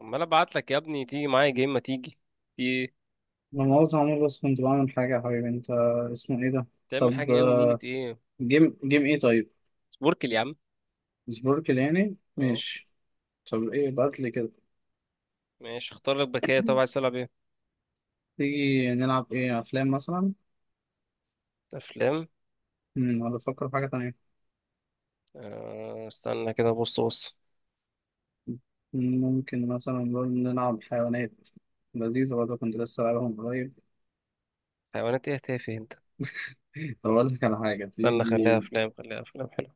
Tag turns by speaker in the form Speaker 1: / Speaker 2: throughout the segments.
Speaker 1: عمال ابعت لك يا ابني تيجي معايا جيم، ما تيجي؟ في ايه؟
Speaker 2: أنا مؤاخذة يا عمور، بس كنت بعمل حاجة يا حبيبي. أنت اسمه إيه ده؟
Speaker 1: تعمل
Speaker 2: طب
Speaker 1: حاجه ايه ونيلة ايه؟
Speaker 2: جيم جيم إيه طيب؟
Speaker 1: سبوركل يا عم.
Speaker 2: سبوركل يعني؟
Speaker 1: اه
Speaker 2: ماشي. طب إيه بعتلي كده؟
Speaker 1: ماشي، اختار لك بكايه. طب عايز تلعب ايه؟
Speaker 2: تيجي نلعب إيه، أفلام مثلا؟
Speaker 1: افلام.
Speaker 2: ولا أفكر في حاجة تانية؟
Speaker 1: آه استنى كده، بص بص.
Speaker 2: ممكن مثلا نقول نلعب حيوانات لذيذة برضه، كنت لسه لعبهم قريب.
Speaker 1: حيوانات ايه تافه انت.
Speaker 2: طب أقول لك على حاجة،
Speaker 1: استنى، خليها
Speaker 2: تيجي
Speaker 1: افلام خليها افلام حلو.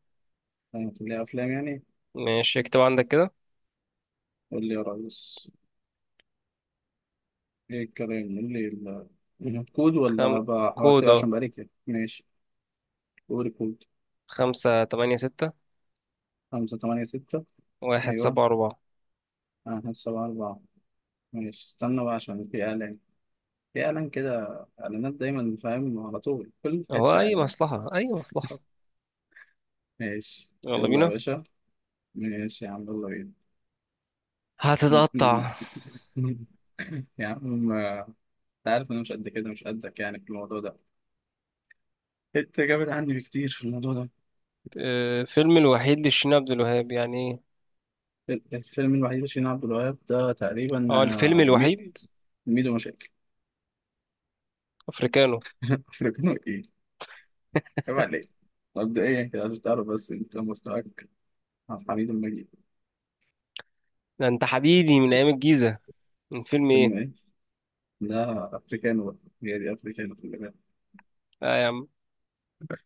Speaker 2: نخليها أفلام يعني.
Speaker 1: ماشي اكتب عندك كده.
Speaker 2: قول لي يا ريس، إيه الكلام؟ قول لي الكود،
Speaker 1: خم...
Speaker 2: ولا بكتب؟
Speaker 1: كودا.
Speaker 2: عشان بقالي كده ماشي. قول الكود.
Speaker 1: خمسة تمانية ستة،
Speaker 2: خمسة تمانية ستة.
Speaker 1: واحد
Speaker 2: أيوه.
Speaker 1: سبعة أربعة.
Speaker 2: أنا السبعة أربعة. ماشي استنى بقى، عشان في إعلان. في إعلان كده. إعلانات دايما، فاهم؟ على طول كل
Speaker 1: هو
Speaker 2: حتة
Speaker 1: أي
Speaker 2: إعلانات.
Speaker 1: مصلحة أي مصلحة.
Speaker 2: ماشي
Speaker 1: يلا
Speaker 2: يلا يا
Speaker 1: بينا،
Speaker 2: باشا. ماشي يا عم يلا بينا.
Speaker 1: هتتقطع.
Speaker 2: يا عم أنت عارف أنا مش قد كده، مش قدك يعني في الموضوع ده. أنت جامد عني بكتير في الموضوع ده.
Speaker 1: آه، فيلم الوحيد لشيرين عبد الوهاب يعني ايه؟
Speaker 2: الفيلم الوحيد اللي شيرين عبد الوهاب ده تقريبا،
Speaker 1: اه الفيلم الوحيد
Speaker 2: ميدو مشاكل.
Speaker 1: افريكانو.
Speaker 2: أفريقيا إيه؟ عيب عليك. مبدئيا كده عشان تعرف بس أنت مستواك. عبد الحميد المجيد.
Speaker 1: ده انت حبيبي من ايام الجيزة. من فيلم
Speaker 2: فيلم
Speaker 1: ايه؟
Speaker 2: إيه؟ لا افريكانو بقى. هي دي افريكانو خلي بالك.
Speaker 1: لا يا عم،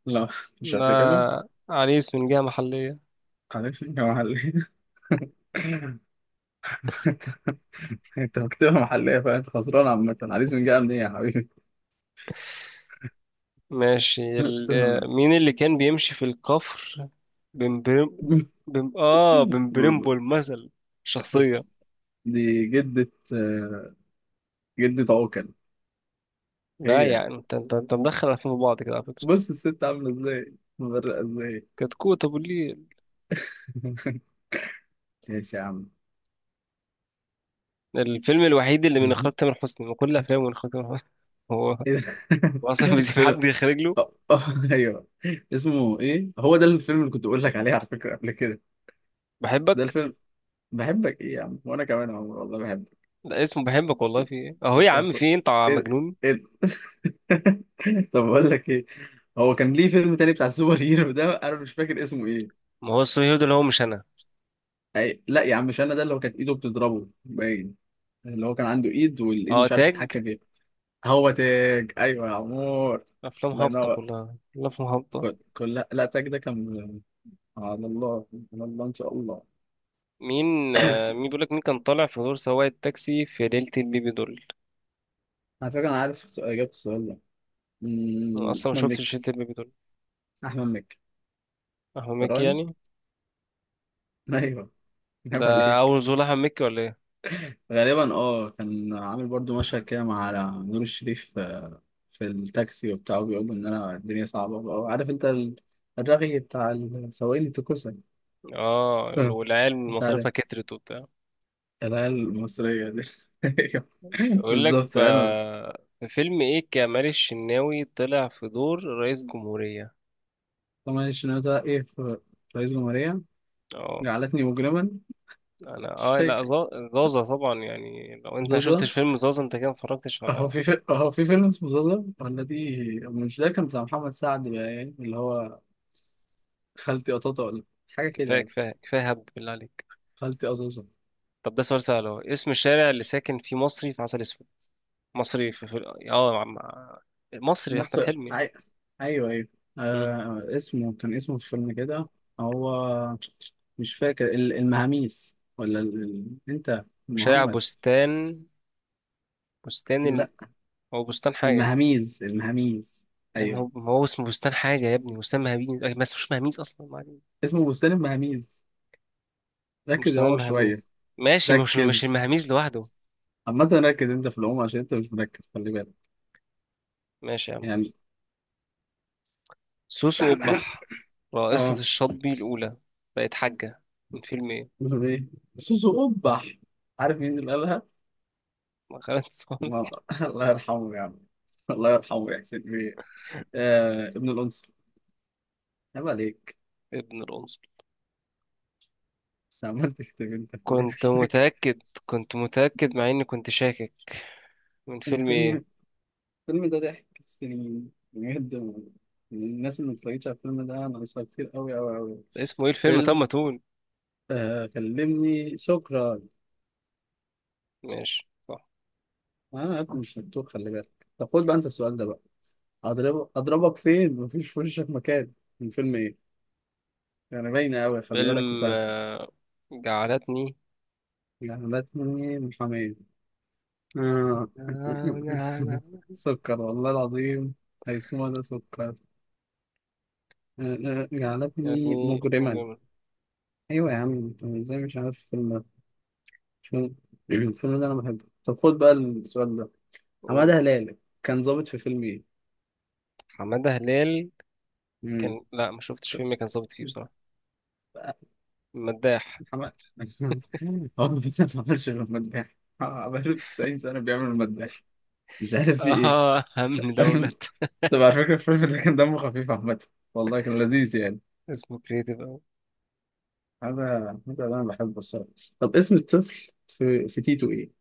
Speaker 2: لا، مش
Speaker 1: ده
Speaker 2: افريكانو.
Speaker 1: عريس من جهة محلية.
Speaker 2: حليسنجا محلية. انت انت مكتبة محلية، فانت خسران عامة. حليسنجا جاية منين يا حبيبي؟
Speaker 1: ماشي مين اللي كان بيمشي في الكفر؟ بمبرم، بم... اه بمبرمبول مثل، شخصية.
Speaker 2: دي جدة، جدة عوكل.
Speaker 1: لا
Speaker 2: هي
Speaker 1: يعني انت مدخل الافلام في بعض كده على فكرة.
Speaker 2: بص الست عاملة ازاي، مبرقة ازاي.
Speaker 1: كتكوت ابو الليل.
Speaker 2: ماشي يا عم.
Speaker 1: الفيلم الوحيد اللي من اخراج تامر حسني من كل افلامه من اخراج تامر حسني. هو،
Speaker 2: ايه ده؟
Speaker 1: هو اصلا بيسيب
Speaker 2: فيلم.
Speaker 1: حد يخرج له؟
Speaker 2: أه، أه، ايوه. اسمه ايه هو ده الفيلم اللي كنت بقول لك عليه على فكرة قبل كده؟ ده
Speaker 1: بحبك.
Speaker 2: الفيلم. بحبك ايه يا عم، وانا كمان يا عمر والله بحبك.
Speaker 1: لا اسمه بحبك والله، في ايه اهو يا
Speaker 2: انت
Speaker 1: عم، في ايه
Speaker 2: هخش؟
Speaker 1: انت
Speaker 2: ايه ده؟
Speaker 1: مجنون؟
Speaker 2: ايه ده؟ طب بقول لك ايه، هو كان ليه فيلم تاني بتاع السوبر هيرو ده، انا مش فاكر اسمه ايه.
Speaker 1: ما هو الصهيوني ده اللي هو مش انا.
Speaker 2: لا يا عم مش انا، ده اللي هو كانت ايده بتضربه باين. اللي هو كان عنده ايد والايد
Speaker 1: اه
Speaker 2: مش عارف
Speaker 1: تاج.
Speaker 2: يتحكم فيها. هو تاج، ايوه يا عمور.
Speaker 1: افلام
Speaker 2: الله
Speaker 1: هابطه،
Speaker 2: ينور.
Speaker 1: كلها كلها افلام هابطه.
Speaker 2: لا لا، تاج ده كان على الله، على الله ان شاء الله.
Speaker 1: مين بيقول لك، مين كان طالع في دور سواق التاكسي في ليله البيبي دول؟
Speaker 2: على فكره انا عارف اجابه السؤال ده.
Speaker 1: انا اصلا ما
Speaker 2: احمد
Speaker 1: شفتش
Speaker 2: مكي.
Speaker 1: ليله البيبي دول.
Speaker 2: احمد مكي.
Speaker 1: احمد مكي
Speaker 2: تراني.
Speaker 1: يعني.
Speaker 2: ايوه.
Speaker 1: ده
Speaker 2: جاب عليك.
Speaker 1: اول ظهور لاحمد مكي ولا ايه؟
Speaker 2: غالبا اه، كان عامل برضو مشهد كده مع نور الشريف، في التاكسي وبتاع. بيقول ان انا الدنيا صعبه بقى، عارف انت الرغي بتاع السواقين التكوسه.
Speaker 1: اه
Speaker 2: آه،
Speaker 1: والعيال
Speaker 2: انت عارف
Speaker 1: مصاريفها كترت وبتاع.
Speaker 2: العيال المصريه دي.
Speaker 1: يقول لك
Speaker 2: بالظبط انا.
Speaker 1: في فيلم ايه كمال الشناوي طلع في دور رئيس جمهوريه؟
Speaker 2: طبعا الشنو ده ايه، في رئيس جمهوريه؟
Speaker 1: اه.
Speaker 2: جعلتني مجرما.
Speaker 1: انا
Speaker 2: مش
Speaker 1: اه لا
Speaker 2: فاكر
Speaker 1: زازا طبعا، يعني لو انت ما
Speaker 2: زازا.
Speaker 1: شفتش فيلم زازا انت كده ما اتفرجتش
Speaker 2: هو
Speaker 1: على
Speaker 2: في في هو في فيلم اسمه زازا ولا دي مش ده؟ كان بتاع محمد سعد بقى يعني، اللي هو خالتي قطاطا ولا حاجه كده
Speaker 1: كفايه
Speaker 2: يعني.
Speaker 1: كفايه كفايه، هبد بالله عليك.
Speaker 2: خالتي قطاطا.
Speaker 1: طب ده سؤال سهل اهو. اسم الشارع اللي ساكن فيه مصري في عسل اسود؟ مصري في, في... اه مع... مع- مصري احمد
Speaker 2: مصر
Speaker 1: حلمي.
Speaker 2: عي... ايوه ايوه.
Speaker 1: مم.
Speaker 2: اسمه كان اسمه في الفيلم كده هو، مش فاكر المهاميس ولا انت
Speaker 1: شارع
Speaker 2: المهمس؟
Speaker 1: بستان. بستان
Speaker 2: لا،
Speaker 1: هو بستان حاجه.
Speaker 2: المهاميز،
Speaker 1: أي، ما
Speaker 2: ايوه.
Speaker 1: هو ما هو اسمه بستان حاجه يا ابني، بستان مهاميز أي، ما اسمهوش مهاميز اصلا، ما علينا.
Speaker 2: اسمه بستان المهاميز. ركز يا
Speaker 1: بستان
Speaker 2: عمر شويه.
Speaker 1: المهاميز. ماشي، مش
Speaker 2: ركز.
Speaker 1: المهاميز لوحده.
Speaker 2: عامة ركز انت في العموم عشان انت مش مركز، خلي بالك.
Speaker 1: ماشي يا عم.
Speaker 2: يعني.
Speaker 1: سوسو قبح، رئيسة
Speaker 2: اه.
Speaker 1: الشطبي الأولى بقت حاجة، من فيلم ايه؟
Speaker 2: بيقول ايه سوسو قبح؟ عارف مين اللي قالها؟
Speaker 1: ما خالد
Speaker 2: ما-
Speaker 1: صالح.
Speaker 2: الله يرحمه يا عم، الله يرحمه يا حسين بيه. ابن الانصار. عيب عليك.
Speaker 1: ابن الأنصل.
Speaker 2: عملت كتاب انت في
Speaker 1: كنت
Speaker 2: الآخر.
Speaker 1: متأكد كنت متأكد مع إني كنت شاكك. من
Speaker 2: كان
Speaker 1: فيلم
Speaker 2: فيلم.
Speaker 1: ايه؟
Speaker 2: الفيلم ده ضحك السنين بجد. من الناس اللي متفرجتش على الفيلم ده انا، ناقصها كتير قوي قوي قوي.
Speaker 1: اسمه ايه الفيلم، طب
Speaker 2: فيلم
Speaker 1: ما تقول.
Speaker 2: آه كلمني شكرا.
Speaker 1: ماشي صح.
Speaker 2: آه، انا يا ابني مش مكتوب خلي بالك. طب خد بقى انت السؤال ده بقى. اضرب اضربك فين، مفيش في وشك مكان. من فيلم ايه؟ يعني باينه قوي خلي بالك
Speaker 1: فيلم
Speaker 2: وسهل.
Speaker 1: آه، جعلتني
Speaker 2: جعلتني محامية. آه.
Speaker 1: يعني،
Speaker 2: سكر والله العظيم. هيسموها ده سكر. آه، آه، جعلتني مجرما.
Speaker 1: جامد.
Speaker 2: ايوه يا عم، انت ازاي مش عارف الفيلم ده؟ مش فاهم. الفيلم ده انا بحبه. طب خد بقى السؤال ده.
Speaker 1: قول.
Speaker 2: حمادة هلال كان ظابط في فيلم ايه؟
Speaker 1: حمادة هلال،
Speaker 2: امم.
Speaker 1: كان لا ما شفتش فيلم كان ظابط فيه بصراحة. مداح.
Speaker 2: حمادة. هو ما بيعملش غير مداح، آه، بقاله 90 سنة بيعمل المداح. مش عارف في ايه.
Speaker 1: اه أمن دولة.
Speaker 2: طب على فكرة الفيلم ده كان دمه خفيف عامة، والله كان لذيذ يعني.
Speaker 1: اسمه كريتيف أوي.
Speaker 2: هذا، هذا اللي انا بحبه الصراحة. طب اسم الطفل في تيتو ايه؟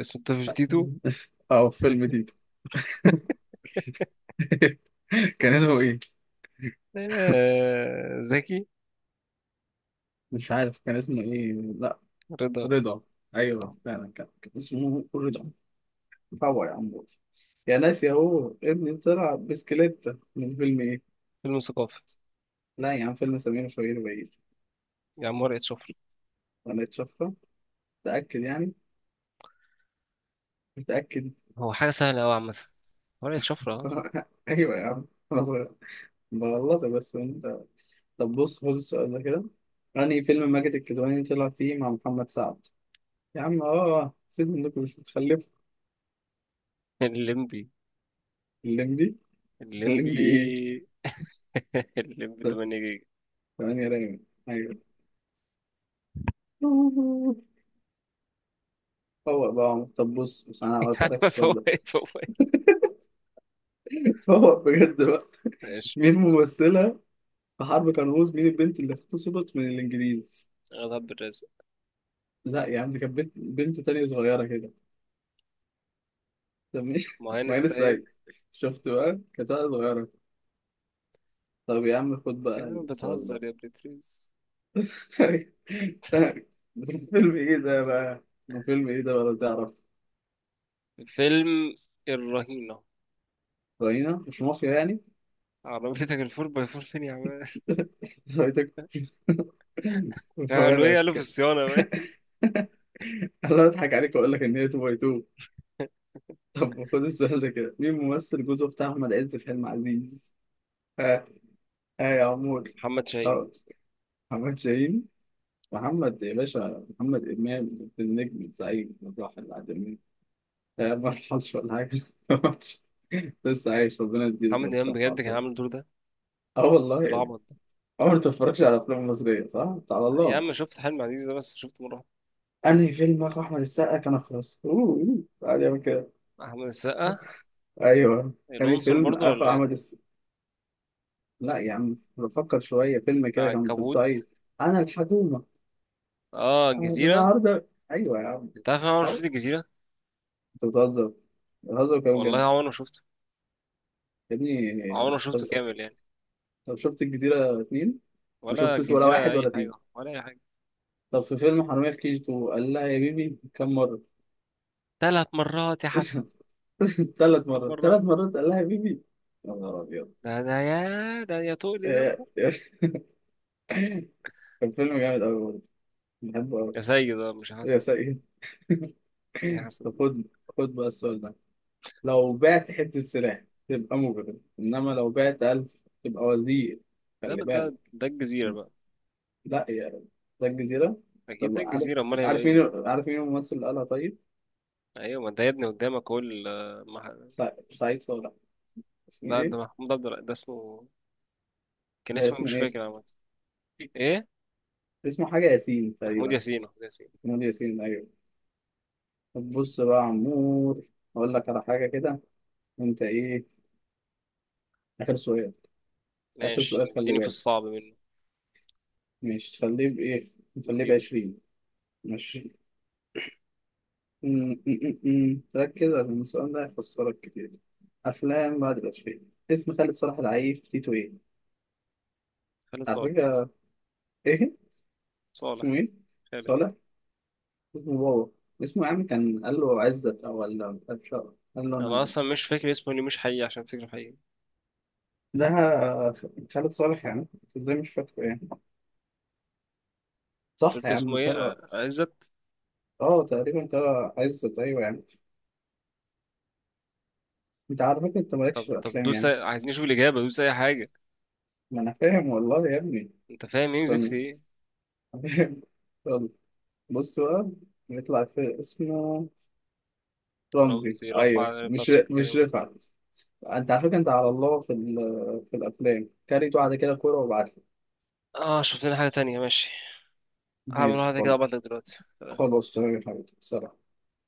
Speaker 1: اسمه الطفل تيتو.
Speaker 2: اه في فيلم تيتو. كان اسمه ايه؟
Speaker 1: آه، زكي.
Speaker 2: مش عارف كان اسمه ايه؟ لا.
Speaker 1: رضا.
Speaker 2: رضا. ايوه
Speaker 1: طبعا.
Speaker 2: فعلا كان اسمه رضا. باور يا عم. يا ناس يا، هو ابني طلع بسكليت. من فيلم ايه؟
Speaker 1: فيلم ثقافي.
Speaker 2: لا يا عم، فيلم سمير وشهير وبهير.
Speaker 1: يا عم ورقة شفرة.
Speaker 2: انا اتشفره. متأكد يعني؟ متأكد.
Speaker 1: هو حاجة سهلة أوي عامة. ورقة شفرة اه.
Speaker 2: ايوه يا عم. أنا بغلطك بس انت. طب بص خد السؤال ده كده. أنهي فيلم ماجد الكدواني طلع فيه مع محمد سعد؟ يا عم اه، سيب انكم مش بتخلفوا.
Speaker 1: الليمبي،
Speaker 2: الليمبي. الليمبي ايه؟
Speaker 1: الليمبي. الليمبي 8 جيجا.
Speaker 2: ثمانية رايم، ايوه. فوق بقى. طب بص بس انا هسألك السؤال
Speaker 1: فوق
Speaker 2: ده.
Speaker 1: فوق.
Speaker 2: فوق بجد بقى.
Speaker 1: ماشي.
Speaker 2: مين ممثلة في حرب قناص، مين البنت اللي اغتصبت من الانجليز؟
Speaker 1: غضب الرازق.
Speaker 2: لا يا عم، دي كانت بنت تانية صغيرة كده. طب مين؟
Speaker 1: مهان
Speaker 2: معين
Speaker 1: السيد.
Speaker 2: السعيد. شفت بقى، كانت واحدة صغيرة. طب يا عم خد بقى
Speaker 1: يا عم
Speaker 2: السؤال ده.
Speaker 1: بتهزر يا بريتريز.
Speaker 2: ده فيلم ايه ده بقى، ده فيلم ايه ده بقى لو تعرف؟
Speaker 1: فيلم الرهينة.
Speaker 2: راينا مش مافيا يعني.
Speaker 1: عربيتك الفور باي فور فين يا عم؟
Speaker 2: رايتك.
Speaker 1: قالوا ايه؟
Speaker 2: فانا
Speaker 1: قالوا في الصيانة. بقى.
Speaker 2: انا بضحك عليك واقول لك ان هي 2 باي 2. طب خد السؤال ده كده، مين ممثل جوزه بتاع أحمد عز في فيلم عزيز؟ ها، ها يا عمور.
Speaker 1: محمد شاهين.
Speaker 2: اه. محمد شاهين. محمد يا باشا، محمد إمام، النجم الزعيم الراحل العالمي. آه، ما لحقش ولا حاجة. لسه عايش، ربنا يديله
Speaker 1: محمد إمام
Speaker 2: الصحة
Speaker 1: بجد كان عامل
Speaker 2: والعافية.
Speaker 1: الدور ده،
Speaker 2: اه والله يا ابني.
Speaker 1: العبط ده.
Speaker 2: عمرك ما تتفرجش على أفلام مصرية صح؟ تعالى
Speaker 1: يا
Speaker 2: الله.
Speaker 1: عم شفت حلم عزيز ده بس، شفت مرة
Speaker 2: أنهي فيلم أخو أحمد السقا كان أخرس؟ أوه أوه. تعالى يا كده.
Speaker 1: واحدة. أحمد السقا.
Speaker 2: أيوه. أنهي
Speaker 1: العنصر
Speaker 2: فيلم
Speaker 1: برضه
Speaker 2: أخو
Speaker 1: ولا ايه؟
Speaker 2: أحمد. لا يا عم، بفكر شوية. فيلم كده كان في
Speaker 1: العنكبوت.
Speaker 2: الصعيد. أنا الحكومة.
Speaker 1: اه
Speaker 2: أنا
Speaker 1: الجزيرة.
Speaker 2: النهاردة، أيوة يا عم.
Speaker 1: انت عارف انا عمري ما
Speaker 2: أهو.
Speaker 1: شفت الجزيرة.
Speaker 2: أنت بتهزر، بتهزر كده
Speaker 1: والله
Speaker 2: بجد.
Speaker 1: عمري ما شفته.
Speaker 2: يا
Speaker 1: عمري
Speaker 2: ابني.
Speaker 1: ما
Speaker 2: طب
Speaker 1: شفته كامل يعني.
Speaker 2: طب شفت الجزيرة اتنين. ما
Speaker 1: ولا
Speaker 2: شفتوش ولا
Speaker 1: الجزيرة،
Speaker 2: واحد
Speaker 1: أي
Speaker 2: ولا
Speaker 1: حاجة
Speaker 2: اتنين.
Speaker 1: ولا أي حاجة.
Speaker 2: طب في فيلم حرامية في كي جي 2 قال لها يا بيبي كم مرة؟
Speaker 1: ثلاث مرات يا حسن.
Speaker 2: 3 مرات.
Speaker 1: بره.
Speaker 2: 3 مرات قال لها يا بيبي. يا نهار أبيض.
Speaker 1: ده يا تقلي
Speaker 2: إيه،
Speaker 1: دمه.
Speaker 2: إيه، كان فيلم جامد أوي برضه، بحبه أوي.
Speaker 1: يا سيد، ده مش
Speaker 2: يا
Speaker 1: حسن.
Speaker 2: سيد.
Speaker 1: ايه حسن
Speaker 2: طب
Speaker 1: ده؟
Speaker 2: خد، خد بقى السؤال ده. لو بعت حتة سلاح تبقى مجرم، إنما لو بعت ألف تبقى وزير.
Speaker 1: ده
Speaker 2: خلي
Speaker 1: ده,
Speaker 2: بالك.
Speaker 1: ده الجزيرة بقى.
Speaker 2: لا يا رب. ده الجزيرة.
Speaker 1: أكيد
Speaker 2: طب
Speaker 1: ده
Speaker 2: عارف،
Speaker 1: الجزيرة، أمال هيبقى
Speaker 2: عارف
Speaker 1: إيه يعني.
Speaker 2: مين عارف مين الممثل اللي قالها طيب؟
Speaker 1: أيوة، ما أنت يا ابني قدامك أهو
Speaker 2: سعيد صالح. اسمه
Speaker 1: لا
Speaker 2: إيه؟
Speaker 1: ده ده اسمه. كان
Speaker 2: ده
Speaker 1: اسمه إيه؟
Speaker 2: اسمه
Speaker 1: مش
Speaker 2: إيه؟
Speaker 1: فاكر عامة. إيه؟
Speaker 2: اسمه حاجة ياسين
Speaker 1: محمود
Speaker 2: تقريبا.
Speaker 1: ياسين، محمود ياسين.
Speaker 2: نادي ياسين، أيوه. طب بص بقى يا عمور، أقول لك على حاجة كده. أنت إيه؟ آخر سؤال. آخر
Speaker 1: ماشي،
Speaker 2: سؤال خلي
Speaker 1: اديني في
Speaker 2: بالك.
Speaker 1: الصعب منه.
Speaker 2: مش تخليه بإيه؟ نخليه
Speaker 1: وزيرو.
Speaker 2: ب20. مش، ركز عشان السؤال ده هيخسرك كتير. أفلام بعد الألفين، اسم خالد صلاح العيف تيتو إيه؟
Speaker 1: خالد
Speaker 2: على
Speaker 1: صالح.
Speaker 2: فكرة. إيه؟
Speaker 1: صالح.
Speaker 2: اسمه إيه؟
Speaker 1: خالد.
Speaker 2: صالح؟ اسمه بابا. اسمه يا عم كان قال له عزت أو، ولا أبشر قال له
Speaker 1: أنا
Speaker 2: أنا.
Speaker 1: أصلا مش فاكر اسمه، ليه مش حقيقي عشان أفتكر حقيقي.
Speaker 2: ده خالد صالح يعني، إزاي مش فاكره يعني؟
Speaker 1: أنت
Speaker 2: صح
Speaker 1: قلت
Speaker 2: يا
Speaker 1: اسمه
Speaker 2: عم
Speaker 1: إيه؟
Speaker 2: ترى.
Speaker 1: آه، عزت.
Speaker 2: آه تقريبا ترى عزت، أيوه يعني. أنت على فكرة أنت مالكش في
Speaker 1: طب
Speaker 2: الأفلام
Speaker 1: دوس
Speaker 2: يعني.
Speaker 1: عايزين نشوف الإجابة، دوس أي حاجة.
Speaker 2: ما أنا فاهم والله يا ابني.
Speaker 1: أنت فاهم إيه وزفت
Speaker 2: استنى.
Speaker 1: إيه.
Speaker 2: فاهم. يلا. بص بقى، نطلع في اسمه. رمزي،
Speaker 1: رمزي،
Speaker 2: ايوه.
Speaker 1: رفعت
Speaker 2: مش
Speaker 1: سكان.
Speaker 2: مش رفعت. انت على فكره انت على الله في في الافلام. كاريت واحده كده كوره وابعت لي.
Speaker 1: اه شفت لنا حاجة تانية، ماشي. هعمل
Speaker 2: ماشي
Speaker 1: واحدة كده
Speaker 2: خلاص.
Speaker 1: وابعتلك دلوقتي.
Speaker 2: خلاص تمام يا حبيبي، سلام.